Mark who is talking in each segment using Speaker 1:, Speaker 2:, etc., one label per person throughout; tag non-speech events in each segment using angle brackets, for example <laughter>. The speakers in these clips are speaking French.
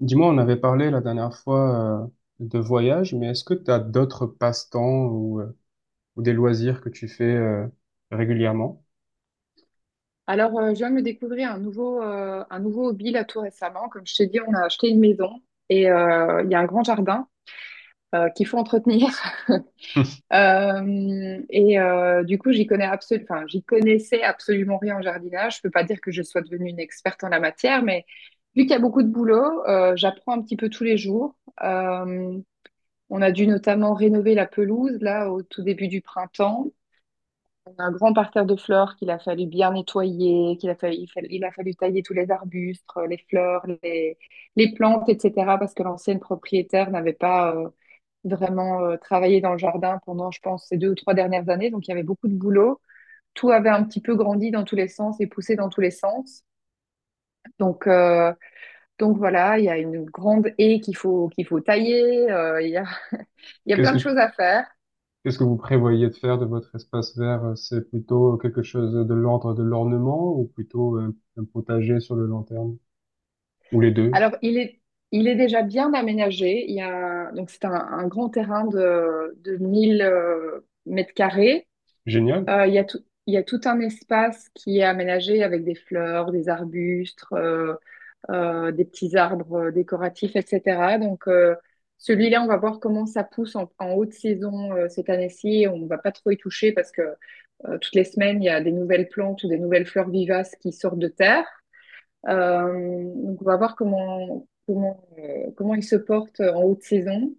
Speaker 1: Dis-moi, on avait parlé la dernière fois de voyage, mais est-ce que tu as d'autres passe-temps ou des loisirs que tu fais régulièrement?
Speaker 2: Alors, je viens de me découvrir un nouveau hobby là tout récemment. Comme je t'ai dit, on a acheté une maison et il y a un grand jardin qu'il faut entretenir. <laughs> Et du coup, j'y connais enfin, j'y connaissais absolument rien en jardinage. Je peux pas dire que je sois devenue une experte en la matière, mais vu qu'il y a beaucoup de boulot, j'apprends un petit peu tous les jours. Euh, on a dû notamment rénover la pelouse là au tout début du printemps. Un grand parterre de fleurs qu'il a fallu bien nettoyer, qu'il a fallu, il, fa- il a fallu tailler tous les arbustes, les fleurs, les plantes, etc. Parce que l'ancienne propriétaire n'avait pas vraiment travaillé dans le jardin pendant, je pense, ces 2 ou 3 dernières années. Donc il y avait beaucoup de boulot. Tout avait un petit peu grandi dans tous les sens et poussé dans tous les sens. Donc, euh, donc voilà, il y a une grande haie qu'il faut tailler. Il y a
Speaker 1: Qu'est-ce
Speaker 2: plein
Speaker 1: que,
Speaker 2: de choses à faire.
Speaker 1: qu'est-ce que vous prévoyez de faire de votre espace vert? C'est plutôt quelque chose de l'ordre de l'ornement ou plutôt un potager sur le long terme? Ou les deux?
Speaker 2: Alors, il est déjà bien aménagé. Il y a, donc, c'est un grand terrain de 1 000 mètres carrés.
Speaker 1: Génial.
Speaker 2: Il y a tout, il y a tout un espace qui est aménagé avec des fleurs, des arbustes, des petits arbres décoratifs, etc. Donc, celui-là, on va voir comment ça pousse en haute saison cette année-ci. On va pas trop y toucher parce que toutes les semaines, il y a des nouvelles plantes ou des nouvelles fleurs vivaces qui sortent de terre. Donc on va voir comment il se porte en haute saison.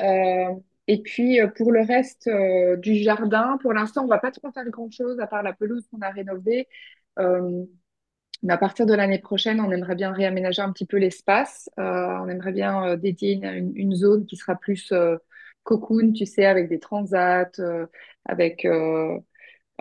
Speaker 2: Euh, et puis pour le reste du jardin, pour l'instant, on va pas trop faire grand-chose à part la pelouse qu'on a rénovée. Euh, mais à partir de l'année prochaine, on aimerait bien réaménager un petit peu l'espace. On aimerait bien dédier une zone qui sera plus cocoon, tu sais, avec des transats, avec,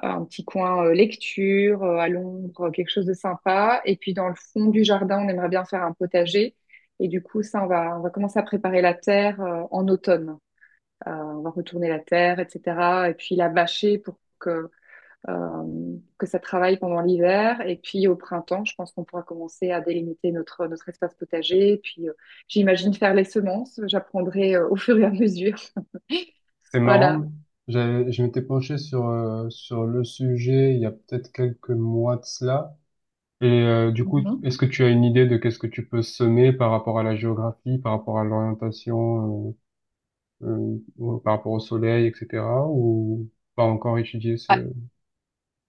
Speaker 2: un petit coin lecture, à l'ombre, quelque chose de sympa. Et puis dans le fond du jardin, on aimerait bien faire un potager. Et du coup, ça, on va commencer à préparer la terre en automne. On va retourner la terre, etc. Et puis la bâcher pour que ça travaille pendant l'hiver. Et puis au printemps, je pense qu'on pourra commencer à délimiter notre espace potager. Et puis j'imagine faire les semences. J'apprendrai au fur et à mesure. <laughs>
Speaker 1: C'est
Speaker 2: Voilà.
Speaker 1: marrant. Je m'étais penché sur le sujet il y a peut-être quelques mois de cela. Et du coup,
Speaker 2: Mhm.
Speaker 1: est-ce que tu as une idée de qu'est-ce que tu peux semer par rapport à la géographie, par rapport à l'orientation, ou par rapport au soleil, etc. ou pas encore étudié ce...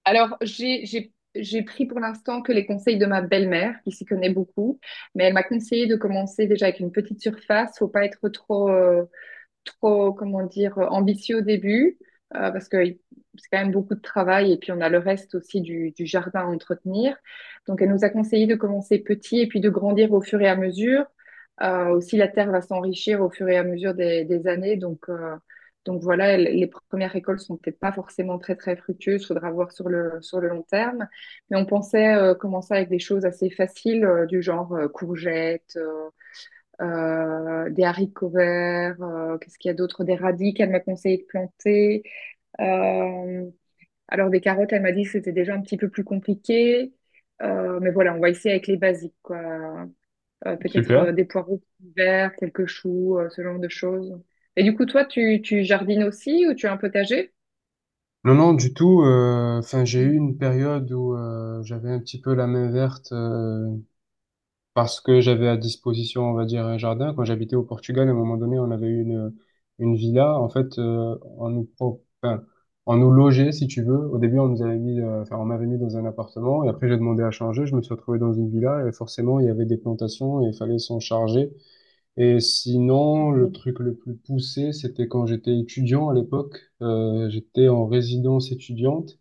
Speaker 2: Alors, j'ai pris pour l'instant que les conseils de ma belle-mère, qui s'y connaît beaucoup, mais elle m'a conseillé de commencer déjà avec une petite surface. Faut pas être trop, comment dire, ambitieux au début, parce que c'est quand même beaucoup de travail, et puis on a le reste aussi du jardin à entretenir. Donc elle nous a conseillé de commencer petit et puis de grandir au fur et à mesure. Aussi, la terre va s'enrichir au fur et à mesure des années, donc voilà, les premières récoltes sont peut-être pas forcément très très fructueuses, faudra voir sur le long terme. Mais on pensait commencer avec des choses assez faciles du genre courgettes, des haricots verts, qu'est-ce qu'il y a d'autre, des radis qu'elle m'a conseillé de planter. Euh, alors des carottes, elle m'a dit que c'était déjà un petit peu plus compliqué. Mais voilà, on va essayer avec les basiques, quoi. Peut-être
Speaker 1: Super.
Speaker 2: des poireaux verts, quelques choux, ce genre de choses. Et du coup, toi, tu jardines aussi ou tu as un potager?
Speaker 1: Non, non, du tout. Enfin, j'ai eu une période où j'avais un petit peu la main verte. Parce que j'avais à disposition, on va dire, un jardin. Quand j'habitais au Portugal, à un moment donné, une villa. En fait, enfin, on nous logeait, si tu veux. Au début, on nous avait mis, enfin, on m'avait mis dans un appartement et après, j'ai demandé à changer. Je me suis retrouvé dans une villa et forcément, il y avait des plantations et il fallait s'en charger. Et sinon, le
Speaker 2: Mhm,
Speaker 1: truc le plus poussé, c'était quand j'étais étudiant à l'époque. J'étais en résidence étudiante.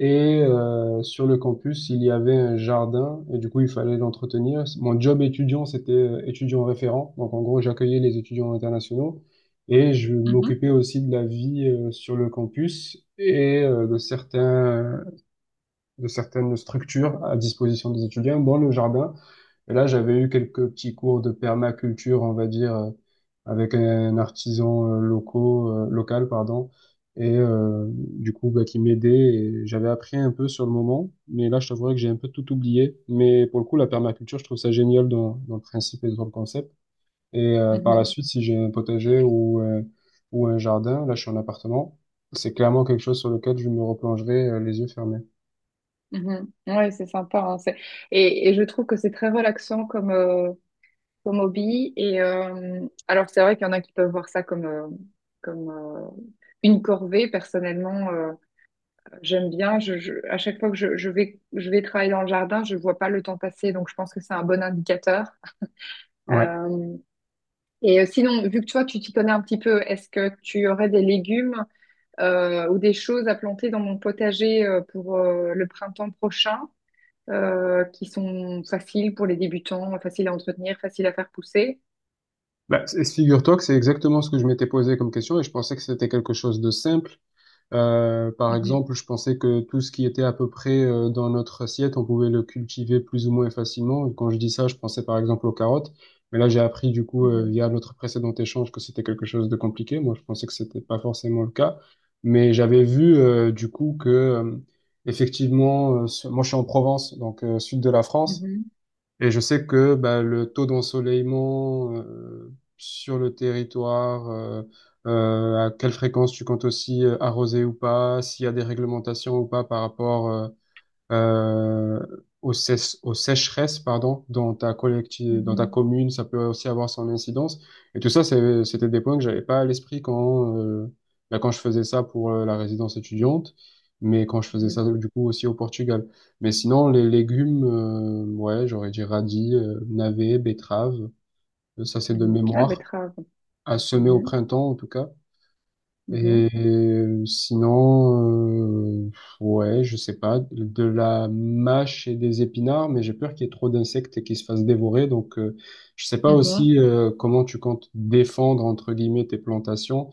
Speaker 1: Et sur le campus, il y avait un jardin et du coup, il fallait l'entretenir. Mon job étudiant, c'était étudiant référent. Donc, en gros, j'accueillais les étudiants internationaux et je
Speaker 2: mhm,
Speaker 1: m'occupais aussi de la vie sur le campus et de certaines structures à disposition des étudiants dans le jardin. Et là, j'avais eu quelques petits cours de permaculture, on va dire, avec un artisan local, pardon, et du coup, bah, qui m'aidait. Et j'avais appris un peu sur le moment, mais là, je t'avouerais que j'ai un peu tout oublié. Mais pour le coup, la permaculture, je trouve ça génial dans le principe et dans le concept. Et par la
Speaker 2: mhm,
Speaker 1: suite, si j'ai un potager ou un jardin, là, je suis en appartement, c'est clairement quelque chose sur lequel je me replongerai les yeux fermés.
Speaker 2: mhm. Ouais, c'est sympa, hein. Et je trouve que c'est très relaxant comme hobby. Et alors, c'est vrai qu'il y en a qui peuvent voir ça comme une corvée. Personnellement, j'aime bien, à chaque fois que je vais travailler dans le jardin, je vois pas le temps passer. Donc, je pense que c'est un bon indicateur.
Speaker 1: Ouais.
Speaker 2: Euh, et sinon, vu que toi, tu t'y connais un petit peu, est-ce que tu aurais des légumes ou des choses à planter dans mon potager pour le printemps prochain, qui sont faciles pour les débutants, faciles à entretenir, faciles à faire pousser?
Speaker 1: Bah, figure-toi que c'est exactement ce que je m'étais posé comme question et je pensais que c'était quelque chose de simple. Par
Speaker 2: Mhm,
Speaker 1: exemple, je pensais que tout ce qui était à peu près dans notre assiette, on pouvait le cultiver plus ou moins facilement. Et quand je dis ça, je pensais par exemple aux carottes. Mais là, j'ai appris du coup
Speaker 2: mhm,
Speaker 1: via notre précédent échange que c'était quelque chose de compliqué. Moi, je pensais que c'était pas forcément le cas. Mais j'avais vu du coup que effectivement, moi je suis en Provence, donc sud de la France.
Speaker 2: mhm,
Speaker 1: Et je sais que bah, le taux d'ensoleillement sur le territoire, à quelle fréquence tu comptes aussi arroser ou pas, s'il y a des réglementations ou pas par rapport euh, aux sécheresses, pardon, dans ta
Speaker 2: mhm,
Speaker 1: commune, ça peut aussi avoir son incidence. Et tout ça, c'était des points que j'avais pas à l'esprit bah, quand je faisais ça pour la résidence étudiante, mais quand je faisais
Speaker 2: mhm,
Speaker 1: ça du coup aussi au Portugal. Mais sinon, les légumes, ouais, j'aurais dit radis, navets, betteraves, ça c'est de
Speaker 2: mhm. La
Speaker 1: mémoire,
Speaker 2: betterave.
Speaker 1: à semer au
Speaker 2: Mhm,
Speaker 1: printemps en tout cas.
Speaker 2: mhm,
Speaker 1: Et sinon, ouais, je sais pas, de la mâche et des épinards, mais j'ai peur qu'il y ait trop d'insectes et qu'ils se fassent dévorer. Donc, je sais pas
Speaker 2: mhm.
Speaker 1: aussi comment tu comptes défendre, entre guillemets, tes plantations.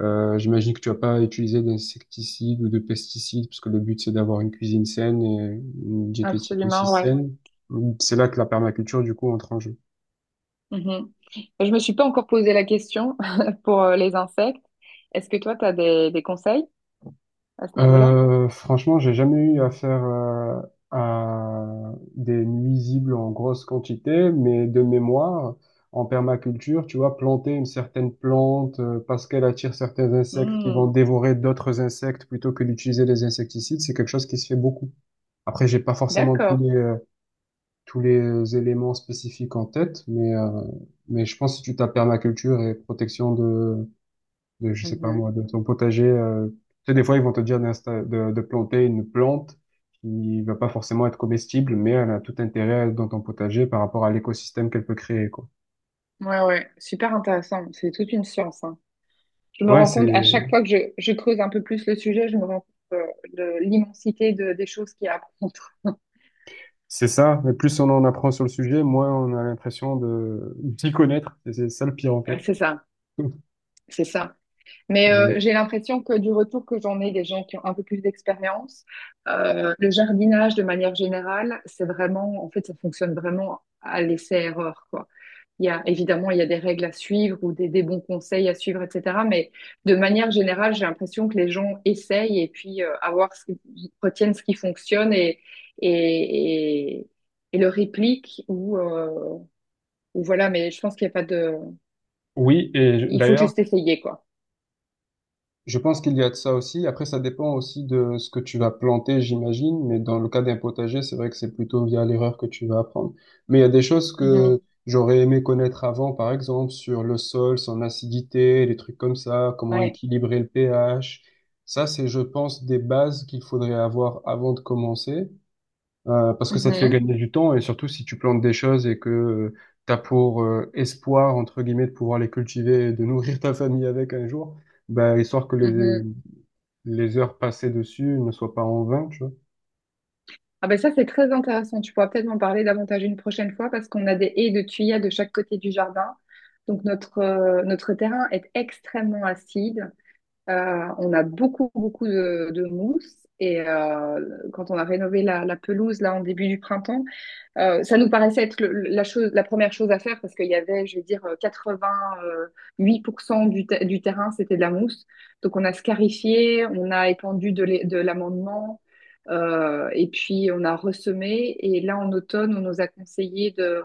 Speaker 1: J'imagine que tu vas pas utiliser d'insecticides ou de pesticides, parce que le but, c'est d'avoir une cuisine saine et une diététique aussi
Speaker 2: Absolument, ouais.
Speaker 1: saine. C'est là que la permaculture, du coup, entre en jeu.
Speaker 2: Mhm. Je me suis pas encore posé la question <laughs> pour les insectes. Est-ce que toi, tu as des conseils à ce niveau-là?
Speaker 1: Franchement, j'ai jamais eu affaire à des nuisibles en grosse quantité, mais de mémoire, en permaculture, tu vois, planter une certaine plante parce qu'elle attire certains insectes qui vont
Speaker 2: Hmm,
Speaker 1: dévorer d'autres insectes plutôt que d'utiliser les insecticides, c'est quelque chose qui se fait beaucoup. Après, j'ai pas forcément
Speaker 2: d'accord.
Speaker 1: tous les éléments spécifiques en tête, mais je pense que si tu tapes permaculture et protection je sais pas
Speaker 2: Mhm.
Speaker 1: moi, de ton potager. Tu sais, des fois, ils vont te dire de planter une plante qui va pas forcément être comestible, mais elle a tout intérêt dans ton potager par rapport à l'écosystème qu'elle peut créer, quoi.
Speaker 2: Ouais, ouais, super intéressant. C'est toute une science, hein. Je me
Speaker 1: Ouais,
Speaker 2: rends
Speaker 1: c'est,
Speaker 2: compte, à chaque fois que je creuse un peu plus le sujet, je me rends compte de l'immensité des choses qu'il y a à apprendre. <laughs>
Speaker 1: c'est ça. Mais plus on en apprend sur le sujet, moins on a l'impression de, d'y connaître. C'est ça le pire, en fait.
Speaker 2: C'est ça,
Speaker 1: <laughs>
Speaker 2: c'est ça. Mais
Speaker 1: Euh,
Speaker 2: j'ai l'impression que du retour que j'en ai des gens qui ont un peu plus d'expérience, le jardinage de manière générale, c'est vraiment, en fait, ça fonctionne vraiment à l'essai-erreur, quoi. Il y a, évidemment, il y a des règles à suivre ou des bons conseils à suivre, etc. Mais de manière générale, j'ai l'impression que les gens essayent et puis à voir ils retiennent ce qui fonctionne et, et, et le répliquent, ou voilà. Mais je pense qu'il n'y a pas de,
Speaker 1: oui,
Speaker 2: il faut
Speaker 1: d'ailleurs,
Speaker 2: juste essayer, quoi.
Speaker 1: je pense qu'il y a de ça aussi. Après, ça dépend aussi de ce que tu vas planter, j'imagine. Mais dans le cas d'un potager, c'est vrai que c'est plutôt via l'erreur que tu vas apprendre. Mais il y a des choses que
Speaker 2: Mhm.
Speaker 1: j'aurais aimé connaître avant, par exemple, sur le sol, son acidité, des trucs comme ça, comment
Speaker 2: Ouais.
Speaker 1: équilibrer le pH. Ça, c'est, je pense, des bases qu'il faudrait avoir avant de commencer. Parce que ça te fait
Speaker 2: Mhm.
Speaker 1: gagner du temps et surtout si tu plantes des choses et que tu as pour espoir, entre guillemets, de pouvoir les cultiver et de nourrir ta famille avec un jour, bah, histoire que
Speaker 2: Mhm.
Speaker 1: les heures passées dessus ne soient pas en vain, tu vois.
Speaker 2: Ah ben ça, c'est très intéressant. Tu pourras peut-être m'en parler davantage une prochaine fois parce qu'on a des haies de tuyas de chaque côté du jardin. Donc notre terrain est extrêmement acide. On a beaucoup, beaucoup de mousse. Et quand on a rénové la pelouse là en début du printemps, ça nous paraissait être la première chose à faire parce qu'il y avait, je vais dire, 88% du terrain, c'était de la mousse. Donc on a scarifié, on a étendu de l'amendement, et puis on a ressemé. Et là, en automne, on nous a conseillé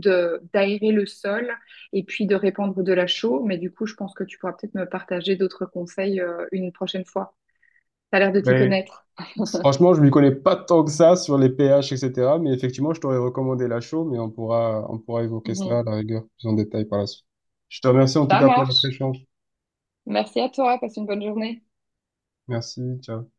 Speaker 2: d'aérer le sol et puis de répandre de la chaux. Mais du coup, je pense que tu pourras peut-être me partager d'autres conseils, une prochaine fois. T'as l'air de t'y
Speaker 1: Ben,
Speaker 2: connaître.
Speaker 1: franchement, je ne m'y connais pas tant que ça sur les pH, etc. Mais effectivement, je t'aurais recommandé la chaux, mais on pourra évoquer cela à
Speaker 2: Mhm.
Speaker 1: la rigueur plus en détail par la suite. Je te remercie en tout
Speaker 2: Ça
Speaker 1: cas pour notre
Speaker 2: marche.
Speaker 1: échange.
Speaker 2: Merci à toi. Passe une bonne journée.
Speaker 1: Merci, ciao.